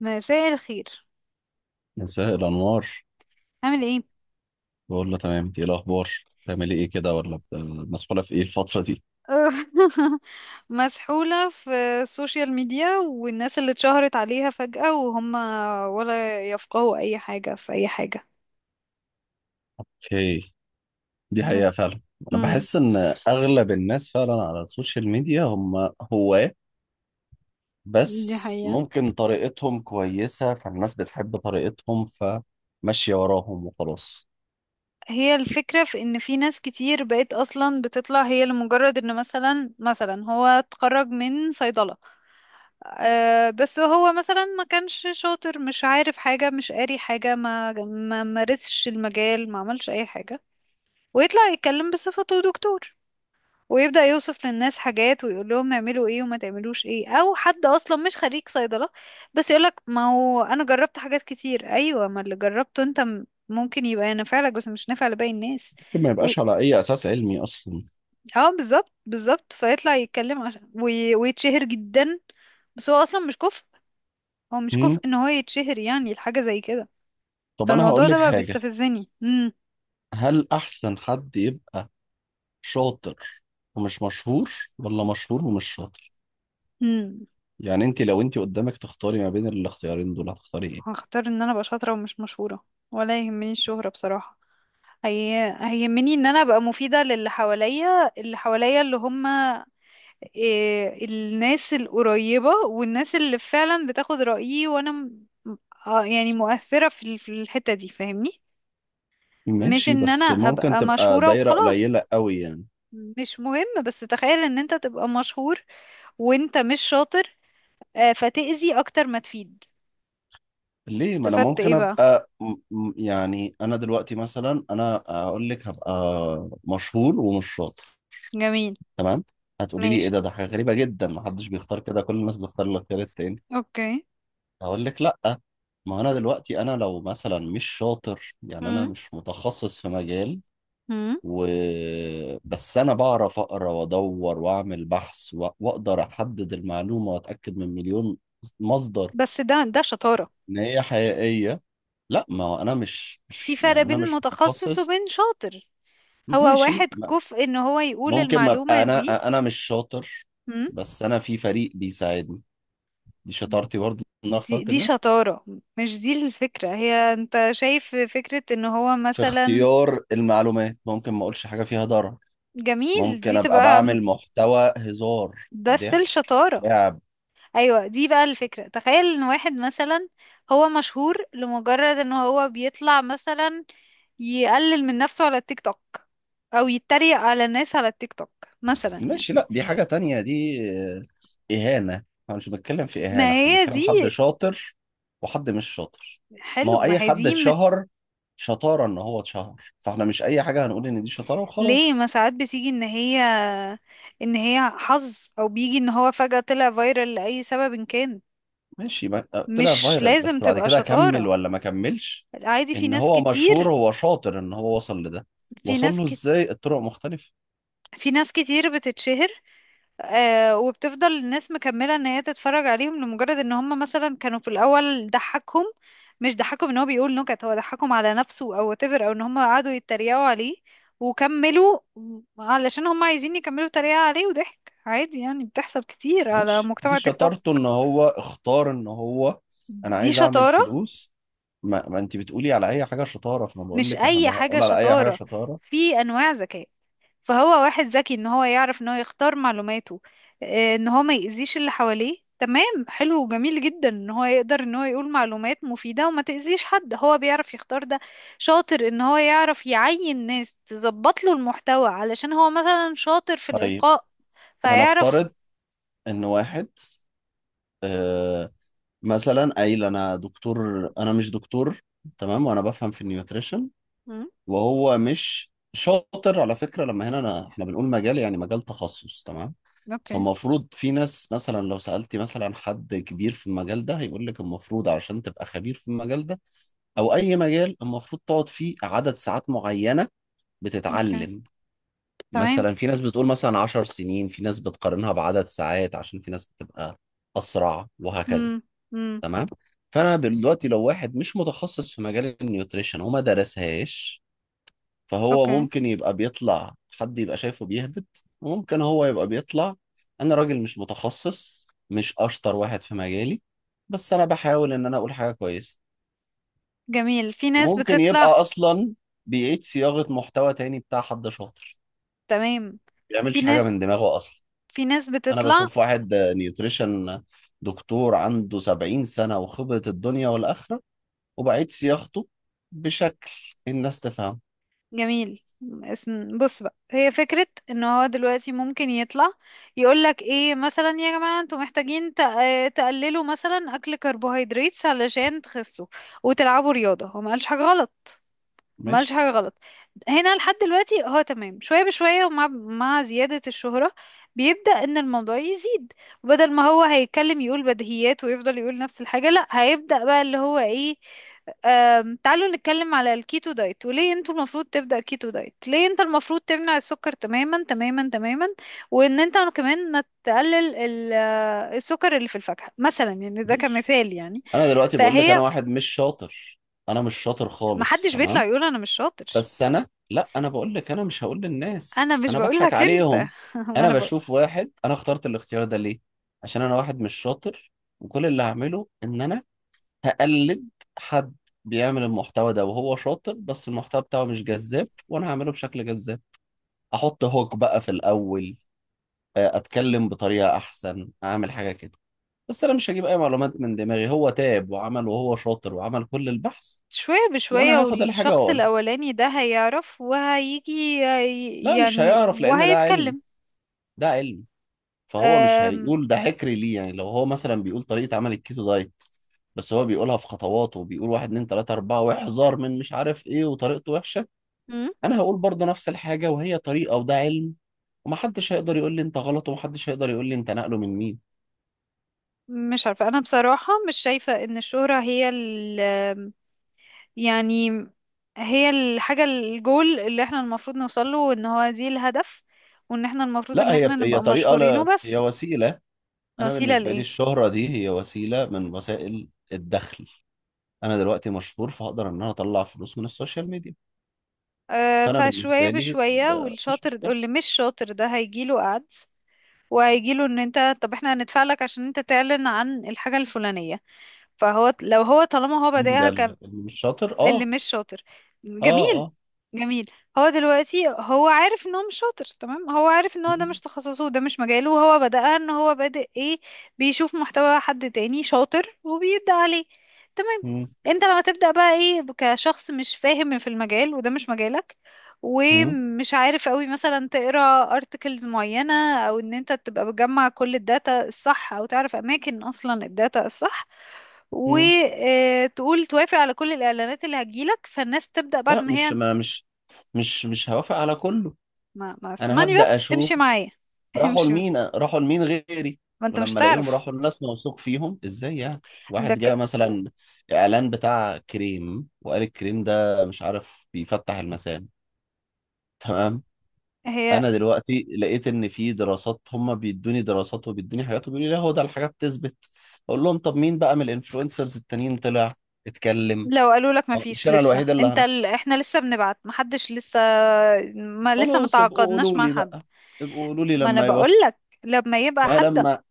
مساء الخير، مساء الأنوار. عامل ايه؟ بقول له تمام، إنت إيه الأخبار؟ بتعملي إيه كده ولا مسحولة في إيه الفترة دي؟ مسحولة في السوشيال ميديا والناس اللي اتشهرت عليها فجأة، وهم ولا يفقهوا اي حاجة في اي حاجة. أوكي، دي حقيقة فعلا. أنا امم بحس إن أغلب الناس فعلا على السوشيال ميديا هم هواة، دي بس حقيقة. ممكن طريقتهم كويسة فالناس بتحب طريقتهم، فماشية وراهم وخلاص. هي الفكرة في ان في ناس كتير بقت اصلا بتطلع هي لمجرد ان مثلا هو اتخرج من صيدلة. أه بس هو مثلا ما كانش شاطر، مش عارف حاجة، مش قاري حاجة، ما مارسش المجال، ما عملش اي حاجة. ويطلع يتكلم بصفته دكتور، ويبدأ يوصف للناس حاجات ويقول لهم اعملوا ايه وما تعملوش ايه. او حد اصلا مش خريج صيدلة بس يقولك: ما هو انا جربت حاجات كتير، ايوه، ما اللي جربته انت ممكن يبقى نافع لك بس مش نافع لباقي الناس. ممكن ما و... يبقاش على أي أساس علمي أصلا. اه، بالظبط بالظبط، فيطلع يتكلم عشان ويتشهر جدا، بس هو اصلا مش كفء. هو مش هم؟ كفء ان هو يتشهر، يعني الحاجة زي كده. طب أنا فالموضوع هقول لك ده بقى حاجة، بيستفزني. هل أحسن حد يبقى شاطر ومش مشهور ولا مشهور ومش شاطر؟ امم يعني انت لو انت قدامك تختاري ما بين الاختيارين دول هتختاري ايه؟ هختار ان انا ابقى شاطرة ومش مشهورة، ولا يهمني الشهرة بصراحة. هي هيهمني ان انا ابقى مفيدة للي حواليا اللي هم، إيه، الناس القريبة والناس اللي فعلا بتاخد رأيي، وانا. يعني مؤثرة في الحتة دي، فاهمني؟ مش ماشي، ان انا بس ممكن ابقى تبقى مشهورة دايرة وخلاص. قليلة قوي يعني. مش مهم، بس تخيل ان انت تبقى مشهور وانت مش شاطر. آه، فتأذي اكتر ما تفيد. ليه؟ ما انا استفدت ممكن ايه بقى؟ ابقى يعني انا دلوقتي مثلا انا اقول لك هبقى مشهور ومش شاطر، جميل، تمام؟ هتقولي لي ايه ماشي، ده، ده حاجة غريبة جدا ما حدش بيختار كده، كل الناس بتختار الاختيار التاني. اوكي. هقول لك لا. ما انا دلوقتي انا لو مثلا مش شاطر، يعني انا مم. مش متخصص في مجال، مم. و بس انا بعرف اقرا وادور واعمل بحث واقدر احدد المعلومه واتاكد من مليون مصدر بس ده شطارة. ان هي حقيقيه. لا، ما هو انا مش في مش فرق يعني انا بين مش متخصص متخصص. وبين شاطر. هو ماشي واحد ما- كفء ان هو يقول ممكن ما المعلومة ابقى دي. انا انا مش شاطر، مم، بس انا في فريق بيساعدني. دي شطارتي برضو ان انا دي, اخترت دي الناس شطارة. مش دي الفكرة، هي انت شايف فكرة ان هو في مثلا، اختيار المعلومات. ممكن ما اقولش حاجه فيها ضرر، جميل، ممكن دي ابقى تبقى، بعمل محتوى هزار ده ستيل ضحك شطارة. لعب. ايوه، دي بقى الفكرة. تخيل ان واحد مثلا هو مشهور لمجرد ان هو بيطلع مثلا يقلل من نفسه على التيك توك، او يتريق على الناس على التيك توك، مثلا يعني. ماشي، لا دي حاجة تانية دي. آه، إهانة. احنا مش بنتكلم في ما إهانة، احنا هي بنتكلم حد دي، شاطر وحد مش شاطر. ما حلو، هو أي ما هي حد دي. اتشهر، شطارة إن هو اتشهر؟ فاحنا مش أي حاجة هنقول إن دي شطارة ليه، ما وخلاص. ساعات بتيجي ان هي حظ، او بيجي ان هو فجأة طلع فايرال لأي سبب إن كان. ماشي ما- آه، طلع مش فايرال، لازم بس بعد تبقى كده كمل شطارة، ولا ما كملش؟ عادي، في إن ناس هو مشهور كتير. هو شاطر إن هو وصل لده. في وصل ناس له كت... إزاي؟ الطرق مختلفة. في ناس كتير بتتشهر، آه، وبتفضل الناس مكملة ان هي تتفرج عليهم لمجرد ان هم مثلا كانوا في الاول ضحكهم. مش ضحكهم ان هو بيقول نكت، هو ضحكهم على نفسه او whatever، او ان هم قعدوا يتريقوا عليه وكملوا، علشان هم عايزين يكملوا تريقة عليه وضحك عادي، يعني بتحصل كتير على ماشي، دي مجتمع تيك توك. شطارته ان هو اختار ان هو انا دي عايز اعمل شطارة، فلوس. ما انت بتقولي على اي حاجه شطاره، فانا بقول مش لك احنا اي لو حاجة هنقول على اي حاجه شطارة. شطاره. في انواع ذكاء. فهو واحد ذكي ان هو يعرف ان هو يختار معلوماته، آه، ان هو ما يأذيش اللي حواليه. تمام، حلو وجميل جدا ان هو يقدر ان هو يقول معلومات مفيدة وما تأذيش حد، هو بيعرف يختار ده. شاطر ان هو يعرف يعين ناس تظبط له المحتوى علشان هو مثلا شاطر في طيب، الإلقاء، فيعرف. هنفترض ان واحد، آه، مثلا قايل انا دكتور. انا مش دكتور تمام، وانا بفهم في النيوتريشن، مم، وهو مش شاطر. على فكره لما هنا أنا احنا بنقول مجال يعني مجال تخصص تمام. اوكي، فالمفروض في ناس مثلا لو سالتي مثلا حد كبير في المجال ده هيقول لك المفروض علشان تبقى خبير في المجال ده او اي مجال المفروض تقعد فيه عدد ساعات معينه اوكي، بتتعلم. تمام. مثلا في ناس بتقول مثلا 10 سنين، في ناس بتقارنها بعدد ساعات عشان في ناس بتبقى اسرع وهكذا. مم. مم. تمام. فانا دلوقتي لو واحد مش متخصص في مجال النيوتريشن وما درسهاش، فهو اوكي، ممكن يبقى بيطلع حد يبقى شايفه بيهبط، وممكن هو يبقى بيطلع انا راجل مش متخصص، مش اشطر واحد في مجالي، بس انا بحاول ان انا اقول حاجه كويسه. جميل، في ناس وممكن يبقى بتطلع، اصلا بيعيد صياغه محتوى تاني بتاع حد شاطر، تمام، ما في بيعملش حاجه ناس من دماغه اصلا. في ناس انا بتطلع، بشوف واحد نيوتريشن دكتور عنده 70 سنه وخبره الدنيا والاخره، وبعيد صياغته بشكل الناس تفهم. جميل. اسم، بص بقى، هي فكرة ان هو دلوقتي ممكن يطلع يقولك ايه، مثلا: يا جماعة انتوا محتاجين تقللوا مثلا اكل كربوهيدرات علشان تخسوا وتلعبوا رياضة. هو ما قالش حاجة غلط، ما ماشي، عملش حاجة غلط. هنا لحد دلوقتي هو تمام. شوية بشوية ومع زيادة الشهرة، بيبدأ ان الموضوع يزيد، وبدل ما هو هيتكلم يقول بديهيات ويفضل يقول نفس الحاجة، لا، هيبدأ بقى اللي هو ايه، تعالوا نتكلم على الكيتو دايت، وليه انتوا المفروض تبدأ كيتو دايت، ليه انت المفروض تمنع السكر تماما تماما تماما، وان انت كمان ما تقلل السكر اللي في الفاكهة مثلا، يعني ده ليش؟ كمثال يعني. انا دلوقتي بقول لك انا فهي واحد مش شاطر، انا مش شاطر خالص محدش تمام. بيطلع يقول انا مش شاطر. بس انا، لا، انا بقول لك انا مش هقول انا للناس، مش انا بضحك بقولك انت، عليهم. ما انا انا بقول، بشوف واحد. انا اخترت الاختيار ده ليه؟ عشان انا واحد مش شاطر، وكل اللي هعمله ان انا هقلد حد بيعمل المحتوى ده وهو شاطر، بس المحتوى بتاعه مش جذاب وانا هعمله بشكل جذاب. احط هوك بقى في الاول، آه، اتكلم بطريقة احسن، اعمل حاجة كده. بس انا مش هجيب اي معلومات من دماغي، هو تاب وعمل وهو شاطر وعمل كل البحث، شوية بشوية وانا هاخد الحاجة والشخص واقولها. الاولاني ده هيعرف وهيجي لا، مش يعني، هيعرف لان ده علم. وهيتكلم. ده علم. فهو مش أم، هيقول ده حكري ليه؟ يعني لو هو مثلا بيقول طريقة عمل الكيتو دايت، بس هو بيقولها في خطوات وبيقول واحد اتنين تلاتة أربعة واحذر من مش عارف ايه، وطريقته وحشة، مم؟ أنا هقول برضه نفس الحاجة، وهي طريقة وده علم. ومحدش هيقدر يقول لي أنت غلط، ومحدش هيقدر يقول لي أنت نقله من مين. مش عارفة، أنا بصراحة مش شايفة إن الشهرة هي يعني هي الحاجة الجول اللي احنا المفروض نوصله، وإن هو دي الهدف، وإن احنا المفروض لا، إن هي احنا هي نبقى طريقة، مشهورين لا هي وبس. وسيلة. أنا وسيلة بالنسبة لي لإيه؟ الشهرة دي هي وسيلة من وسائل الدخل. أنا دلوقتي مشهور، فهقدر إن أنا أطلع فلوس من السوشيال ميديا. أه، فأنا فشوية بالنسبة لي، بشوية آه، والشاطر واللي مش شاطر ده هيجيله قعد، وهيجيله ان انت طب احنا هندفع لك عشان انت تعلن عن الحاجة الفلانية. فهو لو هو طالما هو مين ده بادئها، اللي مش شاطر؟ اللي اه، مش شاطر، اه، جميل، اه. جميل. هو دلوقتي هو عارف ان هو مش شاطر، تمام، هو عارف ان هو ده مش مم، تخصصه وده مش مجاله، وهو بدأ ان هو بادئ ايه؟ بيشوف محتوى حد تاني شاطر وبيبدأ عليه. تمام، مم، انت لما تبدأ بقى ايه كشخص مش فاهم في المجال، وده مش مجالك، مم، ومش عارف قوي مثلا تقرا ارتكلز معينة، او ان انت تبقى بتجمع كل الداتا الصح، او تعرف اماكن اصلا الداتا الصح، مم. وتقول توافق على كل الإعلانات اللي هتجيلك، فالناس تبدأ بعد لا، ما هي مش انت، ما مش مش مش هوافق على كله. ما انا اسمعني هبدأ بس، اشوف امشي معايا. راحوا امشي. لمين، راحوا لمين غيري، ما انت مش ولما الاقيهم تعرف، راحوا لناس موثوق فيهم ازاي يعني. واحد جاء بك... مثلا اعلان بتاع كريم وقال الكريم ده مش عارف بيفتح المسام، تمام. هي انا دلوقتي لقيت ان في دراسات، هم بيدوني دراسات وبيدوني حاجات وبيقولوا لي لا هو ده الحاجه بتثبت، اقول لهم طب مين بقى من الانفلونسرز التانيين طلع اتكلم؟ لو قالوا لك ما مش فيش انا لسه، الوحيد اللي، احنا لسه بنبعت، ما حدش لسه، ما لسه ما خلاص ابقوا تعاقدناش قولوا مع لي حد. بقى، ابقوا قولوا لي ما انا لما بقول يوافق لك لما يبقى بقى حد، لما.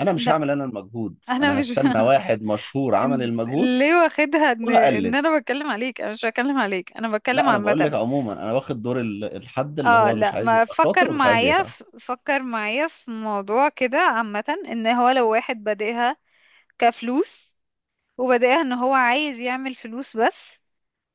انا مش لا، هعمل انا المجهود، انا انا مش هستنى واحد مشهور عمل المجهود ليه واخدها ان ان وهقلده. انا بتكلم عليك؟ انا مش بتكلم عليك، انا بتكلم لا انا بقول لك عامة. عموما انا واخد دور الحد اللي اه هو مش لا، عايز ما يبقى فكر شاطر ومش عايز معايا، يتعب. في موضوع كده عامة، ان هو لو واحد بادئها كفلوس، وبادئها ان هو عايز يعمل فلوس بس،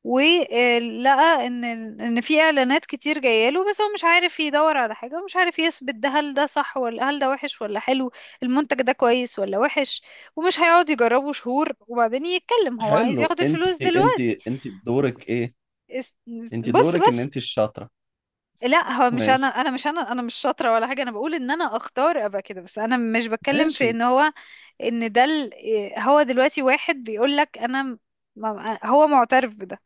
ولقى ان في اعلانات كتير جايله، بس هو مش عارف يدور على حاجة، ومش عارف يثبت ده، هل ده صح ولا هل ده وحش ولا حلو، المنتج ده كويس ولا وحش. ومش هيقعد يجربه شهور وبعدين يتكلم، هو عايز حلو، ياخد انت الفلوس انت دلوقتي. انت بدورك ايه؟ اس- انت بص دورك ان بس، انت الشاطرة. لا، هو مش، انا ماشي، انا مش انا انا مش شاطره ولا حاجه، انا بقول ان انا اختار ابقى كده، بس انا مش بتكلم في ماشي، ان هو، ان ده ال- إيه، هو دلوقتي واحد بيقول لك انا هو معترف بده.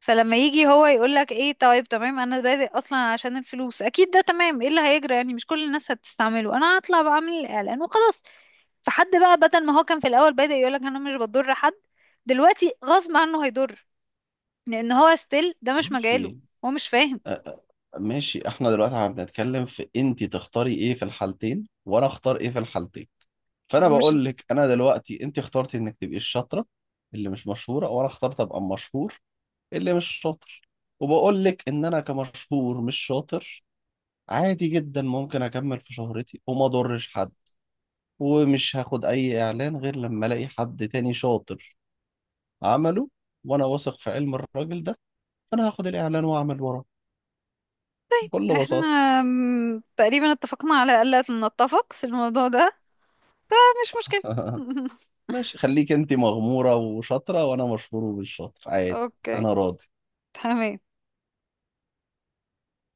فلما يجي هو يقول لك ايه: طيب تمام، انا بادئ اصلا عشان الفلوس، اكيد ده تمام، ايه اللي هيجرى يعني، مش كل الناس هتستعمله، انا هطلع بعمل الاعلان وخلاص. فحد بقى بدل ما هو كان في الاول بادئ يقول لك انا مش بضر حد، دلوقتي غصب عنه هيضر، لان هو ستيل ده مش مجاله. ماشي. هو مش فاهم. أ- أ- ماشي، احنا دلوقتي هنتكلم في انت تختاري ايه في الحالتين وانا اختار ايه في الحالتين. فانا مش بقول لك انا دلوقتي انت اخترتي انك تبقي الشاطره اللي مش مشهوره، وانا اخترت ابقى مشهور اللي مش شاطر. وبقول لك ان انا كمشهور مش شاطر عادي جدا، ممكن اكمل في شهرتي وما اضرش حد، ومش هاخد اي اعلان غير لما الاقي حد تاني شاطر عمله وانا واثق في علم الراجل ده، فانا هاخد الاعلان واعمل وراه بكل احنا بساطه. تقريبا اتفقنا على ألا نتفق في الموضوع ده. ده مش مشكلة. ماشي، خليك انت مغموره وشاطره وانا مشهور ومش شاطر، عادي. اوكي، انا راضي. تمام.